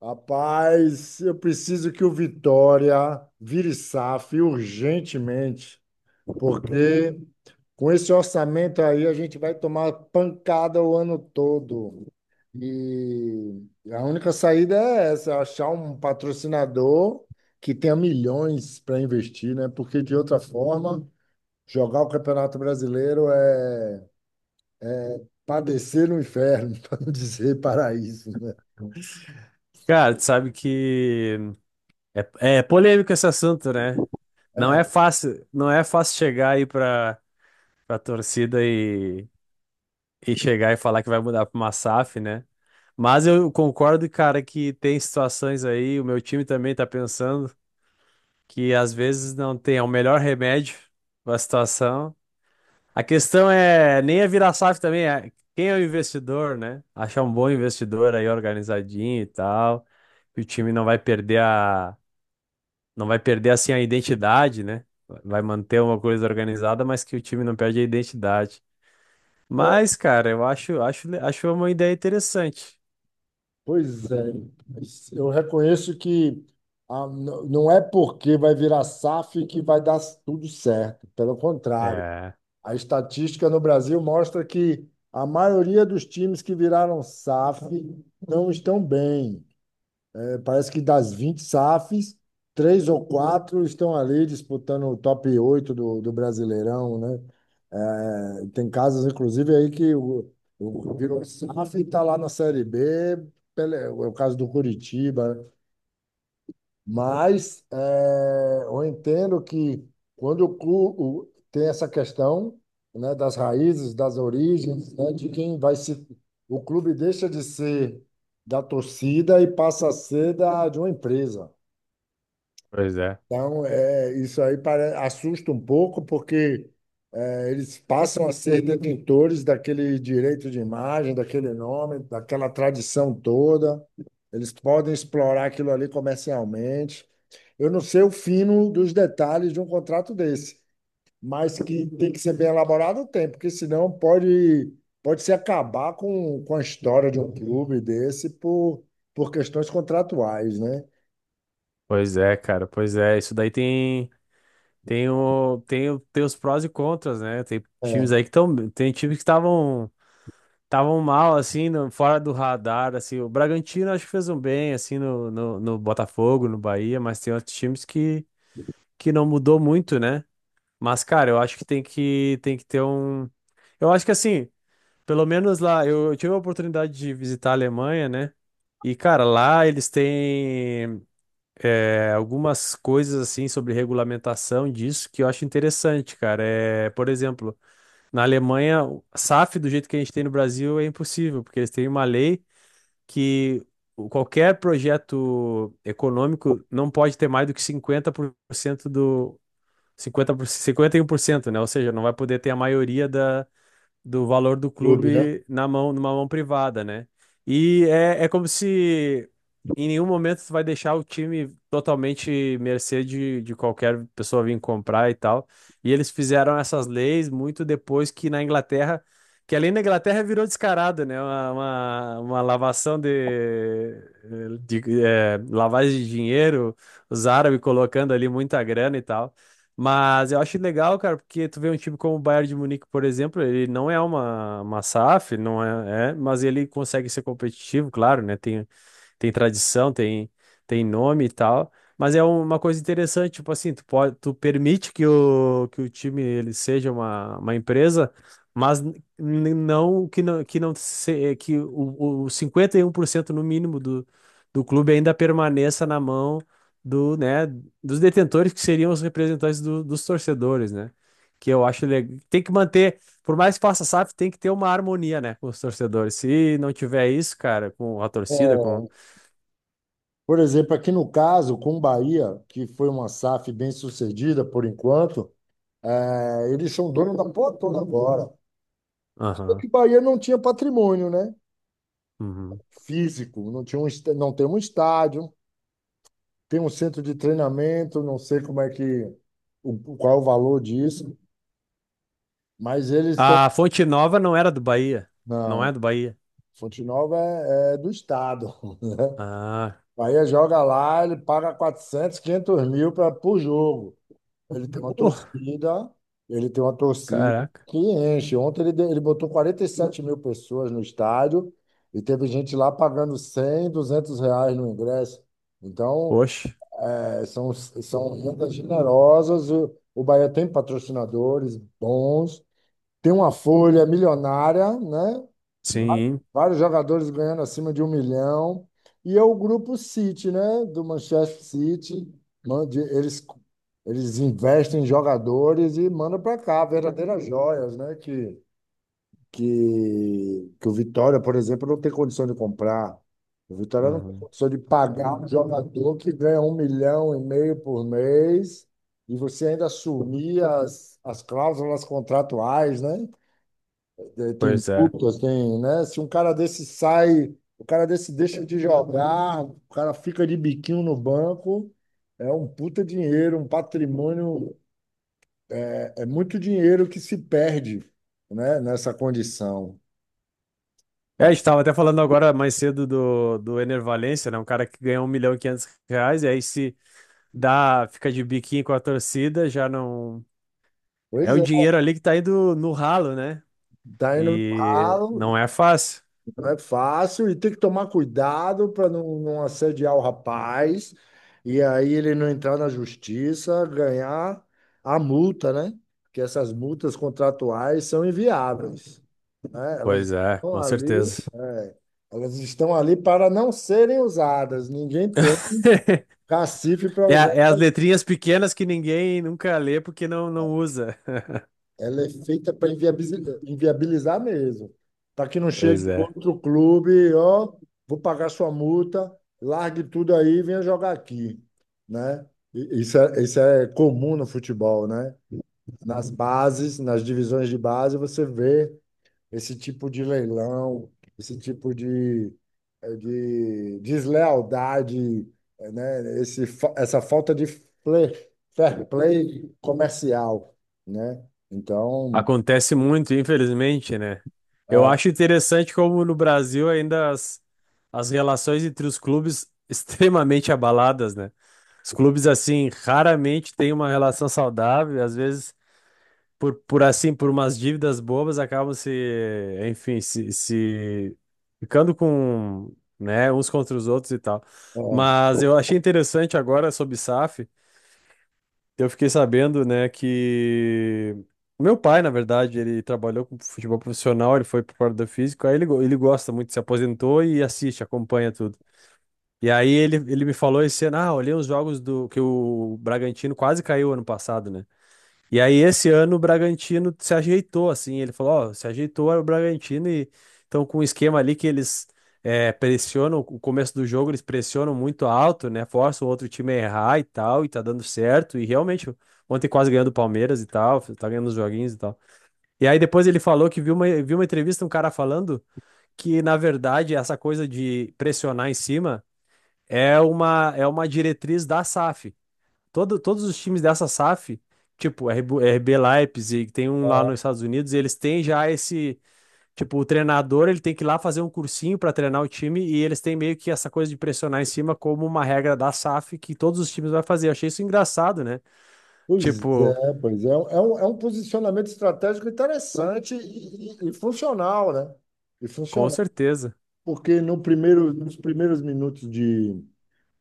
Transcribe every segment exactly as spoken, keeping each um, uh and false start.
Rapaz, eu preciso que o Vitória vire SAF urgentemente, porque com esse orçamento aí a gente vai tomar pancada o ano todo. E a única saída é essa, achar um patrocinador que tenha milhões para investir, né? Porque de outra forma, jogar o Campeonato Brasileiro é padecer no inferno, para não dizer paraíso, né? Cara, tu sabe que é, é polêmico esse assunto, né? Não é fácil, não é fácil chegar aí pra, pra torcida e, e chegar e falar que vai mudar pra uma SAF, né? Mas eu concordo, cara, que tem situações aí, o meu time também tá pensando que às vezes não tem é o melhor remédio pra situação. A questão é nem é virar SAF também, é quem é o investidor, né? Achar um bom investidor aí organizadinho e tal, que o time não vai perder a não vai perder assim a identidade, né? Vai manter uma coisa organizada, mas que o time não perde a identidade. Mas, cara, eu acho, acho, acho uma ideia interessante. Pois é, mas eu reconheço que ah, n- não é porque vai virar SAF que vai dar tudo certo. Pelo contrário, É, a estatística no Brasil mostra que a maioria dos times que viraram SAF não estão bem. Parece que das vinte SAFs, três ou quatro estão ali disputando o top oito do, do Brasileirão, né? É, tem casos, inclusive, aí que o, o virou SAF e está lá na Série B, pele- é o caso do Curitiba, né? Mas é, eu entendo que quando o, clu- o- tem essa questão, né, das raízes, das origens, né, de quem vai se. O clube deixa de ser da torcida e passa a ser da, de uma empresa. pois é. Então, é, isso aí pare- assusta um pouco, porque é, eles passam a ser detentores daquele direito de imagem, daquele nome, daquela tradição toda. Eles podem explorar aquilo ali comercialmente. Eu não sei o fino dos detalhes de um contrato desse, mas que tem que ser bem elaborado, tem, porque senão pode, pode se acabar com, com a história de um clube desse por, por questões contratuais, né? Pois é, cara, pois é. Isso daí tem tem o tem, o- tem os prós e contras, né? Tem times aí que estão tem times que estavam estavam mal assim, no- fora do radar, assim. O Bragantino acho que fez um bem assim no, no, no Botafogo, no Bahia, mas tem outros times que que não mudou muito, né? Mas, cara, eu acho que tem que, tem que ter um. Eu acho que assim, pelo menos lá, eu, eu tive a oportunidade de visitar a Alemanha, né? E, cara, lá eles têm é, algumas coisas assim sobre regulamentação disso que eu acho interessante, cara. É, por exemplo, na Alemanha, o SAF do jeito que a gente tem no Brasil é impossível, porque eles têm uma lei que o- qualquer projeto econômico não pode ter mais do que cinquenta por cento do, cinquenta, cinquenta e um por cento, né? Ou seja, não vai poder ter a maioria da, do valor do Clube, né? clube na mão, numa mão privada, né? E é, é como se em nenhum momento tu vai deixar o time totalmente mercê de, de qualquer pessoa vir comprar e tal. E eles fizeram essas leis muito depois que na Inglaterra, que além da Inglaterra virou descarado, né? Uma, uma, uma lavação de, de eh, lavagem de dinheiro, os árabes colocando ali muita grana e tal. Mas eu acho legal, cara, porque tu vê um time como o Bayern de Munique, por exemplo, ele não é uma, uma SAF, não é, é, mas ele consegue ser competitivo, claro, né? Tem tem tradição, tem, tem nome e tal. Mas é uma coisa interessante, tipo assim, tu pode, tu permite que o, que o time ele seja uma, uma empresa, mas n- n- não que não que não se, é que o, o cinquenta e um por cento no mínimo do, do clube ainda permaneça na mão do, né, dos detentores que seriam os representantes do- dos torcedores, né? Que eu acho legal. Tem que manter, por mais que faça SAF, tem que ter uma harmonia, né, com os torcedores. Se não tiver isso, cara, com a torcida. É. Por exemplo, aqui no caso, com o Bahia, que foi uma SAF bem sucedida por enquanto, é, eles são donos da porra toda agora. Porque Aham. o Bahia não tinha patrimônio, né? Uhum. Físico, não tinha um, est- não tem um estádio, tem um centro de treinamento, não sei como é que, o- qual é o valor disso, mas eles estão. A Fonte Nova não era do Bahia. Não Não, é do Bahia. Fonte Nova é, é do Estado. Ah. Bahia joga lá, ele paga quatrocentos quinhentos mil pra, por jogo. Ele tem uma Uh, torcida, ele tem uma torcida caraca. que enche. Ontem ele, deu- ele botou quarenta e sete mil pessoas no estádio e teve gente lá pagando cem, duzentos reais no ingresso. Então, Poxa. é, são, são rendas generosas. O, o Bahia tem patrocinadores bons, tem uma folha milionária, né? Va- Sim. Vários jogadores ganhando acima de um milhão. E é o grupo City, né? Do Manchester City. Mande- Eles, eles investem em jogadores e mandam para cá verdadeiras joias, né? Que, que, que o Vitória, por exemplo, não tem condição de comprar. O Vitória não tem Uhum. condição de pagar um jogador que ganha um milhão e meio por mês e você ainda assumir as, as cláusulas contratuais, né? Eh, Tem Pois é. putas, tem, né? Se um cara desse sai, o cara desse deixa de jogar, o cara fica de biquinho no banco, é um puta dinheiro, um patrimônio, é, é muito dinheiro que se perde, né? Nessa condição. É, a gente tava até falando agora mais cedo do, do Ener Valencia, né? Um cara que ganhou um milhão e quinhentos reais e aí se dá, fica de biquinho com a torcida, já não... É Pois o é, dinheiro ali que tá indo no ralo, né? tá indo no E ralo, não é fácil. não é fácil, e tem que tomar cuidado para não, não assediar o rapaz, e aí ele não entrar na justiça, ganhar a multa, né? Porque essas multas contratuais são inviáveis, né? Elas Pois é, estão com ali, certeza. é, elas estão ali para não serem usadas. Ninguém tem cacife para É, usar. a- é essa- as letrinhas pequenas que ninguém nunca lê porque não, não usa. Ela é feita para inviabilizar, inviabilizar mesmo, para que não chegue Pois é. outro clube, ó, vou pagar sua multa, largue tudo aí e venha jogar aqui, né? E- Isso é, isso é comum no futebol, né? Nas bases, nas divisões de base, você vê esse tipo de leilão, esse tipo de, eh, de deslealdade, eh, né? Esse, fa- essa falta de fle- fair play comercial, né? Então, Acontece muito, infelizmente, né? Eu ah, acho interessante como no Brasil ainda as, as relações entre os clubes extremamente abaladas, né? Os clubes, assim, raramente têm uma relação saudável, às vezes. por, por assim, por umas dívidas bobas, acabam se, enfim, se, se ficando com, né, uns contra os outros e tal. ah, Mas eu achei interessante agora sobre SAF, eu fiquei sabendo, né, que o meu pai, na verdade, ele trabalhou com futebol profissional, ele foi para o físico, aí ele, go- ele gosta muito, se aposentou e assiste, acompanha tudo. E aí ele, ele me falou esse ano, ah, olhei os jogos do que o Bragantino quase caiu ano passado, né? E aí, esse ano, o Bragantino se ajeitou, assim. Ele falou: Ó, se ajeitou era o Bragantino e estão com um esquema ali que eles eh, pressionam, o começo do jogo eles pressionam muito alto, né? Forçam o outro time a errar e tal, e tá dando certo. E realmente, ontem quase ganhando o Palmeiras e tal, tá ganhando os joguinhos e tal. E aí, depois ele falou que viu uma, viu uma entrevista, um cara falando que, na verdade, essa coisa de pressionar em cima é uma, é uma diretriz da SAF. Todo, todos os times dessa SAF, tipo R B, R B Leipzig, tem um lá nos Estados Unidos, e eles têm já esse, tipo, o treinador, ele tem que ir lá fazer um cursinho para treinar o time e eles têm meio que essa coisa de pressionar em cima como uma regra da SAF que todos os times vão fazer. Eu achei isso engraçado, né? pois Tipo, é, pois é, é um, é um é um posicionamento estratégico interessante e, e- e funcional, né? E com funcional, certeza. porque no primeiro, nos primeiros minutos de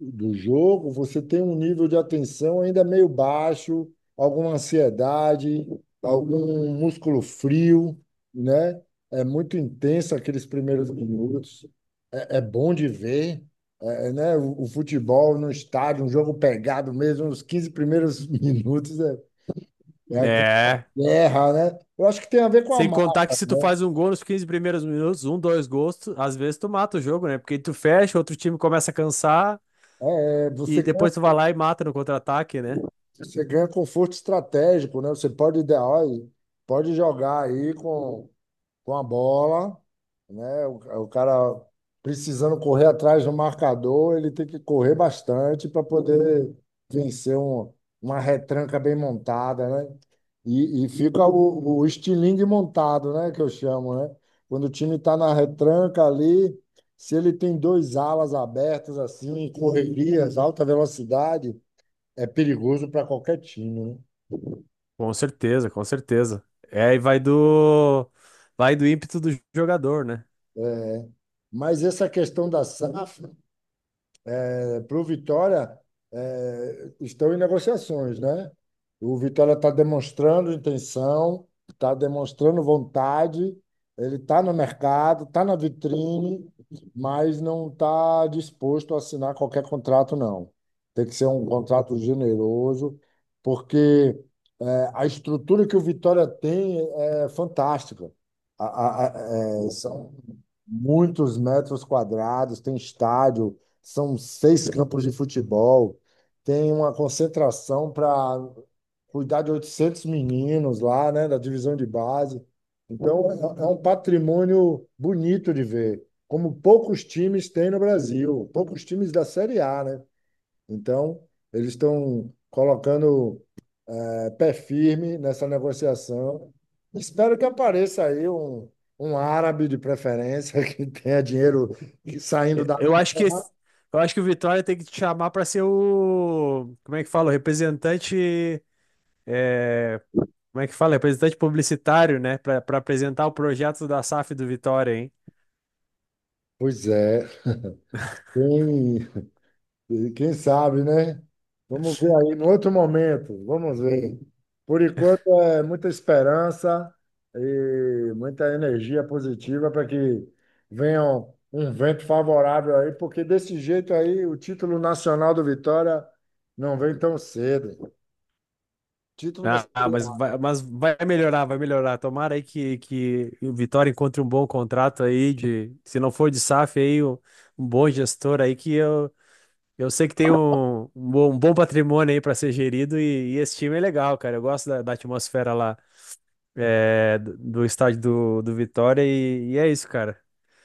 do jogo, você tem um nível de atenção ainda meio baixo, alguma ansiedade, algum músculo frio, né? É muito intenso aqueles primeiros minutos. É é bom de ver, é, é, né? O, o futebol no estádio, um jogo pegado mesmo, os quinze primeiros minutos é, é aquela É. guerra, né? Eu acho que tem a ver com a Sem contar que marca, se tu né? faz um gol nos quinze primeiros minutos, um, dois gols, tu- às vezes tu mata o jogo, né? Porque tu fecha, outro time começa a cansar É, você e ganha, depois tu vai lá e mata no contra-ataque, né? você ganha conforto estratégico, né? Você pode, dar- olha, pode jogar aí com com a bola, né? O, o cara precisando correr atrás do marcador, ele tem que correr bastante para poder vencer um- uma retranca bem montada, né? E, e fica o, o estilingue montado, né? Que eu chamo, né? Quando o time está na retranca ali, se ele tem dois alas abertas assim, correrias, alta velocidade, é perigoso para qualquer time, né? Com certeza, com certeza. É, e vai do vai do ímpeto do jogador, né? É. Mas essa questão da SAF é, para o Vitória é, estão em negociações, né? O Vitória está demonstrando intenção, está demonstrando vontade, ele está no mercado, está na vitrine, mas não está disposto a assinar qualquer contrato, não. Tem que ser um contrato generoso, porque é, a estrutura que o Vitória tem é é fantástica. A- a- a- é, são muitos metros quadrados, tem estádio, são seis campos de futebol, tem uma concentração para cuidar de oitocentos meninos lá, né, da divisão de base. Então, é é um patrimônio bonito de ver, como poucos times têm no Brasil, poucos times da Série A, né? Então, eles estão colocando eh, pé firme nessa negociação. Espero que apareça aí um, um árabe de preferência que tenha dinheiro saindo E- da Eu acho que terra. esse- eu acho que o Vitória tem que te chamar para ser o, como é que fala, o representante, é, como é que fala, representante publicitário, né, Pra para apresentar o projeto da SAF do Vitória, hein? Pois é, Quem, quem sabe, né? Vamos ver aí, no outro momento, vamos ver. Por enquanto, é muita esperança e muita energia positiva para que venha um um vento favorável aí, porque desse jeito aí o título nacional do Vitória não vem tão cedo. Título da Ah, Série mas A. vai, mas vai melhorar, vai melhorar. Tomara aí que, que o Vitória encontre um bom contrato aí de, se não for de SAF aí, um, um bom gestor aí que eu Eu sei que tem um, um bom um bom patrimônio aí para ser gerido e, e esse time é legal, cara. Eu gosto da, da atmosfera lá, é, do, do estádio do, do Vitória e, e é isso, cara.